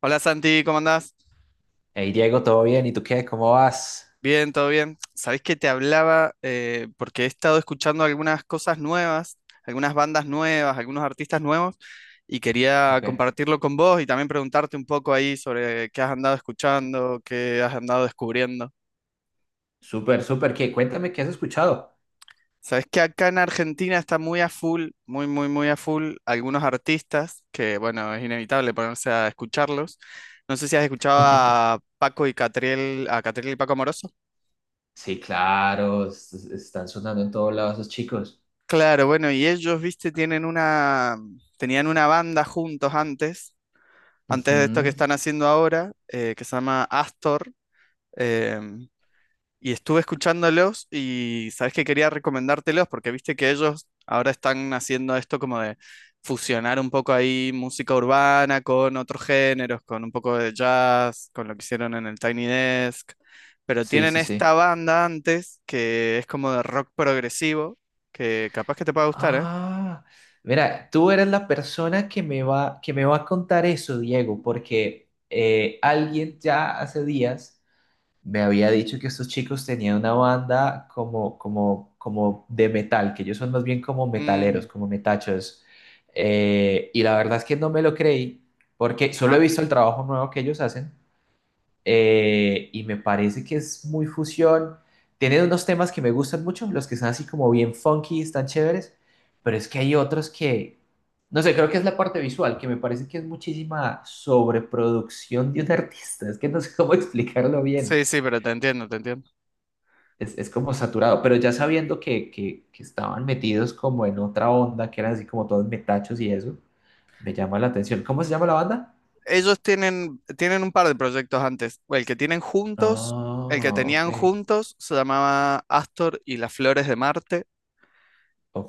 Hola Santi, ¿cómo andás? Hey Diego, ¿todo bien? ¿Y tú qué? ¿Cómo vas? Bien, todo bien. Sabés que te hablaba porque he estado escuchando algunas cosas nuevas, algunas bandas nuevas, algunos artistas nuevos y quería Ok, compartirlo con vos y también preguntarte un poco ahí sobre qué has andado escuchando, qué has andado descubriendo. súper, súper. ¿Qué? Cuéntame, ¿qué has escuchado? Sabés que acá en Argentina está muy a full, muy, muy, muy a full algunos artistas que, bueno, es inevitable ponerse a escucharlos. No sé si has escuchado a Paco y Catriel, a Catriel y Paco Amoroso. Sí, claro, están sonando en todos lados esos chicos. Claro, bueno, y ellos, viste, tenían una banda juntos antes, antes de esto que Ujú. están haciendo ahora, que se llama Astor, em, y estuve escuchándolos y sabes que quería recomendártelos porque viste que ellos ahora están haciendo esto como de fusionar un poco ahí música urbana con otros géneros, con un poco de jazz, con lo que hicieron en el Tiny Desk, pero Sí, tienen sí, esta sí. banda antes que es como de rock progresivo, que capaz que te pueda gustar, ¿eh? Ah, mira, tú eres la persona que me va a contar eso, Diego, porque alguien ya hace días me había dicho que estos chicos tenían una banda como de metal, que ellos son más bien como metaleros, Mm, como metachos. Y la verdad es que no me lo creí, porque solo he ajá. visto el trabajo nuevo que ellos hacen y me parece que es muy fusión. Tienen unos temas que me gustan mucho, los que son así como bien funky, están chéveres, pero es que hay otros que, no sé, creo que es la parte visual, que me parece que es muchísima sobreproducción de un artista, es que no sé cómo explicarlo bien. Sí, sí, pero te entiendo, te entiendo. Es como saturado, pero ya sabiendo que estaban metidos como en otra onda, que eran así como todos metachos y eso, me llama la atención. ¿Cómo se llama la banda? Ellos tienen un par de proyectos antes. El que Ah, ok, tenían juntos se llamaba Astor y las Flores de Marte,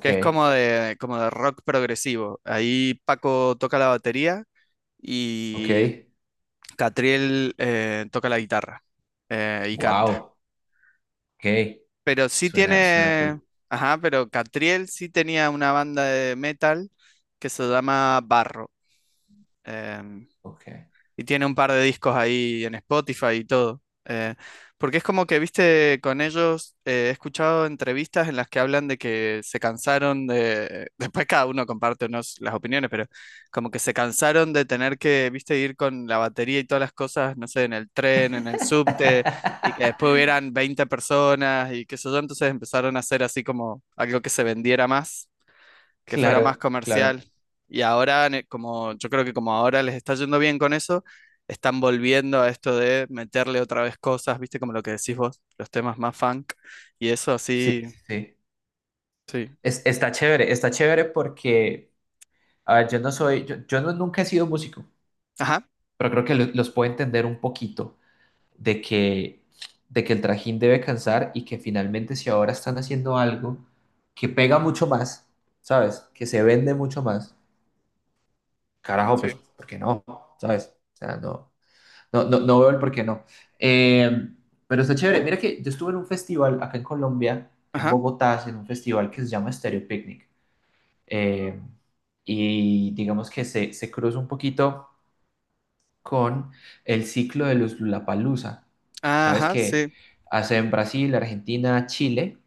que es como de rock progresivo. Ahí Paco toca la batería ok, y Catriel toca la guitarra y canta. wow, ok, Pero sí suena, suena tiene, cool, ajá, pero Catriel sí tenía una banda de metal que se llama Barro. em, ok. y tiene un par de discos ahí en Spotify y todo. Eh, porque es como que, viste, con ellos he escuchado entrevistas en las que hablan de que se cansaron de, después cada uno comparte las opiniones, pero como que se cansaron de tener que, viste, ir con la batería y todas las cosas, no sé, en el tren, en el subte, y que después hubieran 20 personas y qué sé yo, entonces empezaron a hacer así como algo que se vendiera más que fuera más Claro, claro. comercial. Y ahora, como yo creo que como ahora les está yendo bien con eso, están volviendo a esto de meterle otra vez cosas, viste, como lo que decís vos, los temas más funk y eso Sí, así, sí, sí. sí. Está chévere, está chévere porque, a ver, yo no soy, yo no, nunca he sido músico, Ajá, pero creo que los puedo entender un poquito. de que, de que el trajín debe cansar y que finalmente si ahora están haciendo algo que pega mucho más, ¿sabes? Que se vende mucho más, carajo, sí. pues, ¿por qué no? ¿Sabes? O sea, no, no, no, no veo el por qué no. Eh, pero está chévere. Mira que yo estuve en un festival acá en Colombia, en Ajá, Bogotá, en un festival que se llama Stereo Picnic. Eh, y digamos que se cruza un poquito con el ciclo de los Lollapalooza. Sabes ajá, que sí, hacen Brasil, Argentina, Chile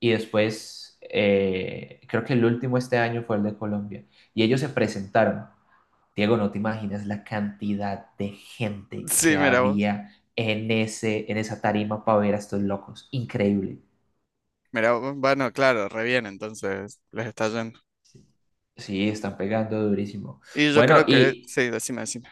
y después creo que el último este año fue el de Colombia. Y ellos se presentaron. Diego, no te imaginas la cantidad de gente sí, que había en esa tarima para ver a estos locos. Increíble. mira vos, bueno, claro, re bien, entonces les está yendo. Sí, están pegando durísimo. Y yo Bueno, creo que, y sí, decime, decime.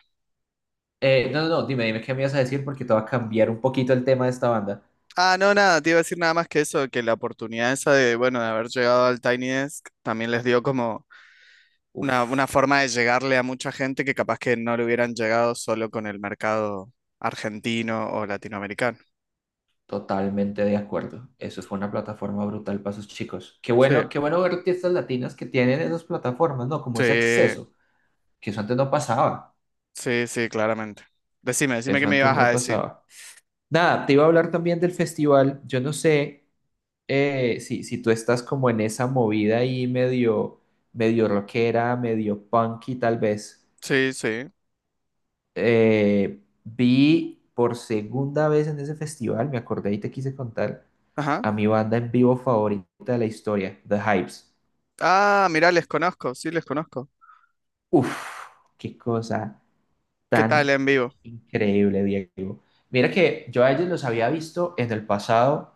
no, no, no, dime, dime qué me ibas a decir porque te va a cambiar un poquito el tema de esta banda. Ah, no, nada, te iba a decir nada más que eso, que la oportunidad esa de, bueno, de haber llegado al Tiny Desk también les dio como una Uf. forma de llegarle a mucha gente que capaz que no le hubieran llegado solo con el mercado argentino o latinoamericano. Totalmente de acuerdo. Eso fue una plataforma brutal para esos chicos. Sí, Qué bueno ver artistas latinas que tienen esas plataformas, ¿no? Como ese sí, acceso, que eso antes no pasaba. sí, sí, claramente. Decime, decime qué Eso me antes ibas a no decir. pasaba. Nada, te iba a hablar también del festival. Yo no sé si tú estás como en esa movida ahí medio, medio rockera, medio punky tal vez. Sí, sí. Vi por segunda vez en ese festival, me acordé y te quise contar, Ajá. a mi banda en vivo favorita de la historia, The Hypes. Ah, mirá, les conozco, sí, les conozco. Uf, qué cosa ¿Qué tal tan en vivo? increíble, Diego. Mira que yo a ellos los había visto en el pasado,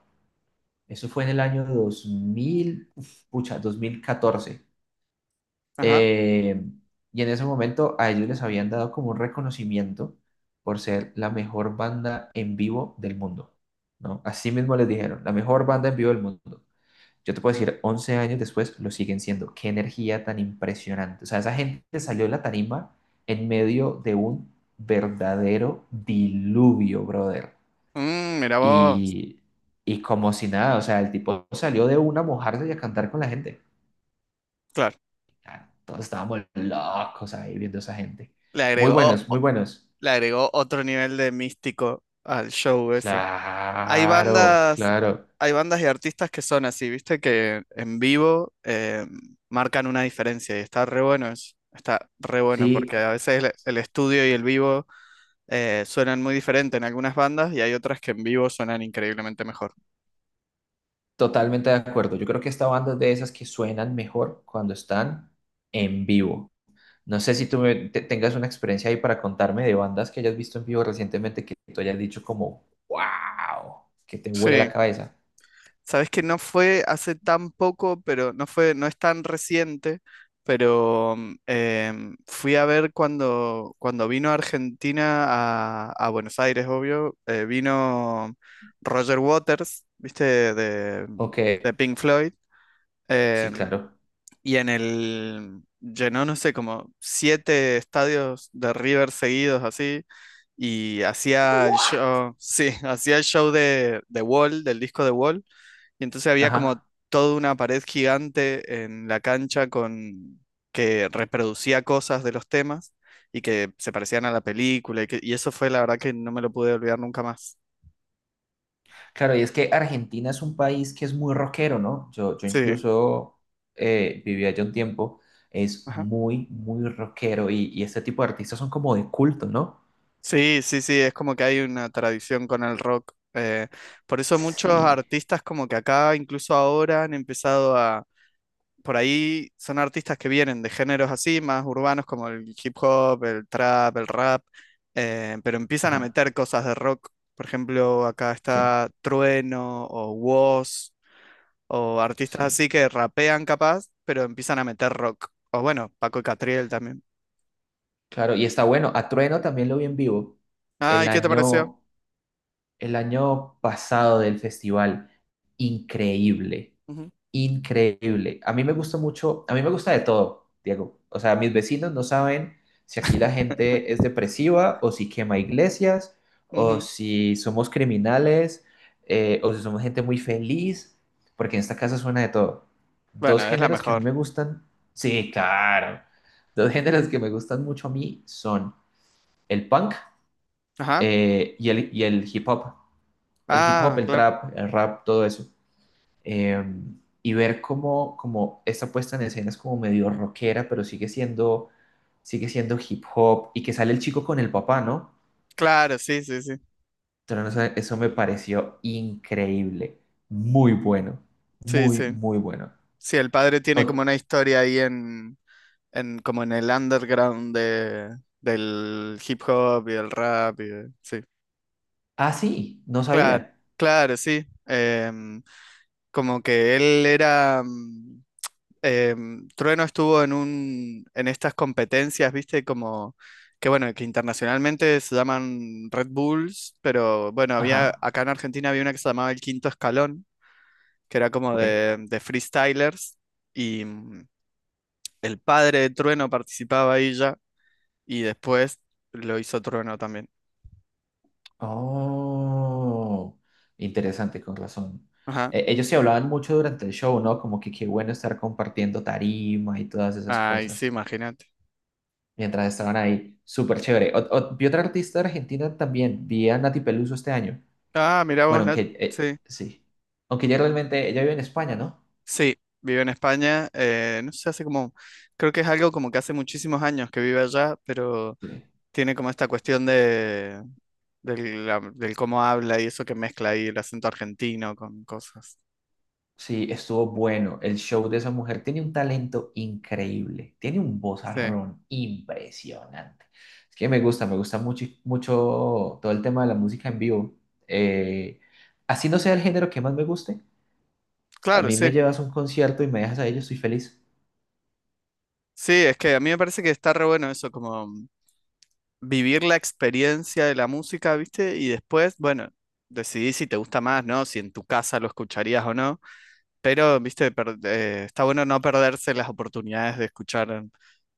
eso fue en el año 2000, uf, pucha, 2014. Ajá. Eh, y en ese momento a ellos les habían dado como un reconocimiento por ser la mejor banda en vivo del mundo, ¿no? Así mismo les dijeron, la mejor banda en vivo del mundo. Yo te puedo decir, 11 años después lo siguen siendo. Qué energía tan impresionante. O sea, esa gente salió de la tarima en medio de un verdadero diluvio, brother. Mm, mira vos. Y, y como si nada, o sea, el tipo salió de una a mojarse y a cantar con la gente. Claro. Ah, todos estábamos locos ahí viendo a esa gente. Le Muy agregó, buenos, muy buenos. le agregó otro nivel de místico al show eso. Hay Claro, bandas, claro. hay bandas y artistas que son así, viste, que en vivo marcan una diferencia y está re bueno eso. Está re bueno Sí, porque a veces el estudio y el vivo suenan muy diferente en algunas bandas y hay otras que en vivo suenan increíblemente mejor. totalmente de acuerdo. Yo creo que esta banda es de esas que suenan mejor cuando están en vivo. No sé si tengas una experiencia ahí para contarme de bandas que hayas visto en vivo recientemente que tú hayas dicho como, wow, que te huele Sí. la cabeza. Sabes que no fue hace tan poco, pero no fue, no es tan reciente, pero fui a ver cuando vino a Argentina, a Buenos Aires, obvio, vino Roger Waters, ¿viste? De, O de que, Pink Floyd, sí, em, claro. y llenó, no sé, como siete estadios de River seguidos así. Y hacía el ¡Guau! show, sí, hacía el show de Wall, del disco de Wall y entonces había como Ajá. toda una pared gigante en la cancha con que reproducía cosas de los temas y que se parecían a la película y eso fue la verdad que no me lo pude olvidar nunca más. Claro, y es que Argentina es un país que es muy rockero, ¿no? Yo Sí, incluso viví allá un tiempo, es ajá. muy, muy rockero y este tipo de artistas son como de culto, ¿no? Sí, sí, sí, es como que hay una tradición con el rock. Por eso muchos Sí, artistas como que acá, incluso ahora, han empezado a por ahí son artistas que vienen de géneros así, más urbanos como el hip hop, el trap, el rap, pero empiezan a ajá, meter cosas de rock. Por ejemplo, acá sí, está Trueno o Woz o artistas sí. así que rapean capaz, pero empiezan a meter rock. O bueno, Paco y Catriel también. Claro, y está bueno. A Trueno también lo vi en vivo Ah, el y ¿qué te pareció? año el año pasado del festival. Increíble, Ujú, increíble. A mí me gusta mucho, a mí me gusta de todo, Diego. O sea, mis vecinos no saben si aquí la gente es depresiva o si quema iglesias o ujú. si somos criminales o si somos gente muy feliz, porque en esta casa suena de todo. Dos Bueno, es la géneros que a mí mejor. me gustan, sí, claro. Dos géneros que me gustan mucho a mí son el punk Ajá. Y y el hip hop, el hip hop, Ah, el claro. trap, el rap, todo eso. Eh, y ver cómo, como esta puesta en escena es como medio rockera, pero sigue siendo hip hop y que sale el chico con el papá, ¿no? Claro, sí, sí, sí. Entonces, no sé, eso me pareció increíble, muy bueno, Sí, muy, sí. muy bueno. Sí, el padre tiene como O- una historia ahí como en el underground del hip hop y el rap. Sí, ah, sí, no claro, sabía. claro, sí. Como que él era... Trueno estuvo en estas competencias, viste, como que bueno, que internacionalmente se llaman Red Bulls, pero bueno, había, Ajá, acá en Argentina había una que se llamaba El Quinto Escalón, que era como ok. de freestylers, y el padre de Trueno participaba ahí ya. Y después lo hizo Trueno también. Oh, interesante, con razón. Ajá. Ellos se hablaban mucho durante el show, ¿no? Como que qué bueno estar compartiendo tarima y todas esas Ay, sí, cosas, imagínate. mientras estaban ahí. Súper chévere. Vi otra artista de Argentina también. Vi a Nati Peluso este año. Ah, mira vos, Bueno, Nat. aunque Sí. sí. Aunque ya realmente ella vive en España, ¿no? Sí, vive en España. No sé, hace como. Creo que es algo como que hace muchísimos años que vive allá, pero Sí. tiene como esta cuestión de. Del cómo habla y eso que mezcla ahí el acento argentino con cosas. Sí, estuvo bueno. El show de esa mujer tiene un talento increíble. Tiene un Sí. vozarrón impresionante. Es que me gusta mucho, mucho todo el tema de la música en vivo. Eh, Así no sea el género que más me guste. A Claro, mí sí. me llevas a un concierto y me dejas ahí, yo estoy feliz. Sí, es que a mí me parece que está re bueno eso, como. Vivir la experiencia de la música, ¿viste? Y después, bueno, decidí si te gusta más, ¿no? Si en tu casa lo escucharías o no. Pero, ¿viste? Está bueno no perderse las oportunidades de escuchar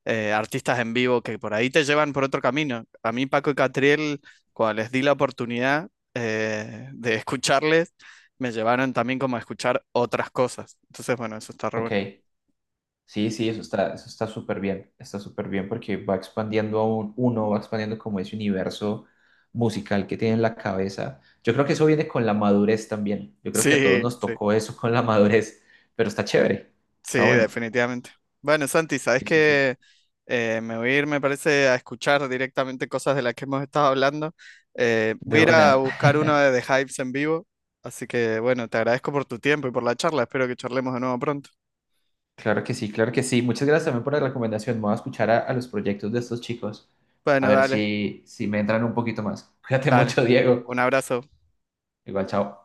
artistas en vivo que por ahí te llevan por otro camino. A mí, Paco y Catriel, cuando les di la oportunidad de escucharles, me llevaron también como a escuchar otras cosas. Entonces, bueno, eso está re bueno. Ok. Sí, sí, eso está súper bien porque va expandiendo aún uno, va expandiendo como ese universo musical que tiene en la cabeza. Yo creo que eso viene con la madurez también. Yo creo que a todos Sí, nos sí. tocó eso con la madurez, pero está chévere, Sí, está bueno. definitivamente. Bueno, Santi, sabes Sí, sí, sí. que me voy a ir, me parece, a escuchar directamente cosas de las que hemos estado hablando. Voy a De ir a una. buscar uno de The Hives en vivo. Así que, bueno, te agradezco por tu tiempo y por la charla. Espero que charlemos de nuevo pronto. Claro que sí, claro que sí. Muchas gracias también por la recomendación. Me voy a escuchar a los proyectos de estos chicos, a Bueno, ver dale, si me entran un poquito más. Cuídate dale. mucho, Diego. Un abrazo. Igual, chao.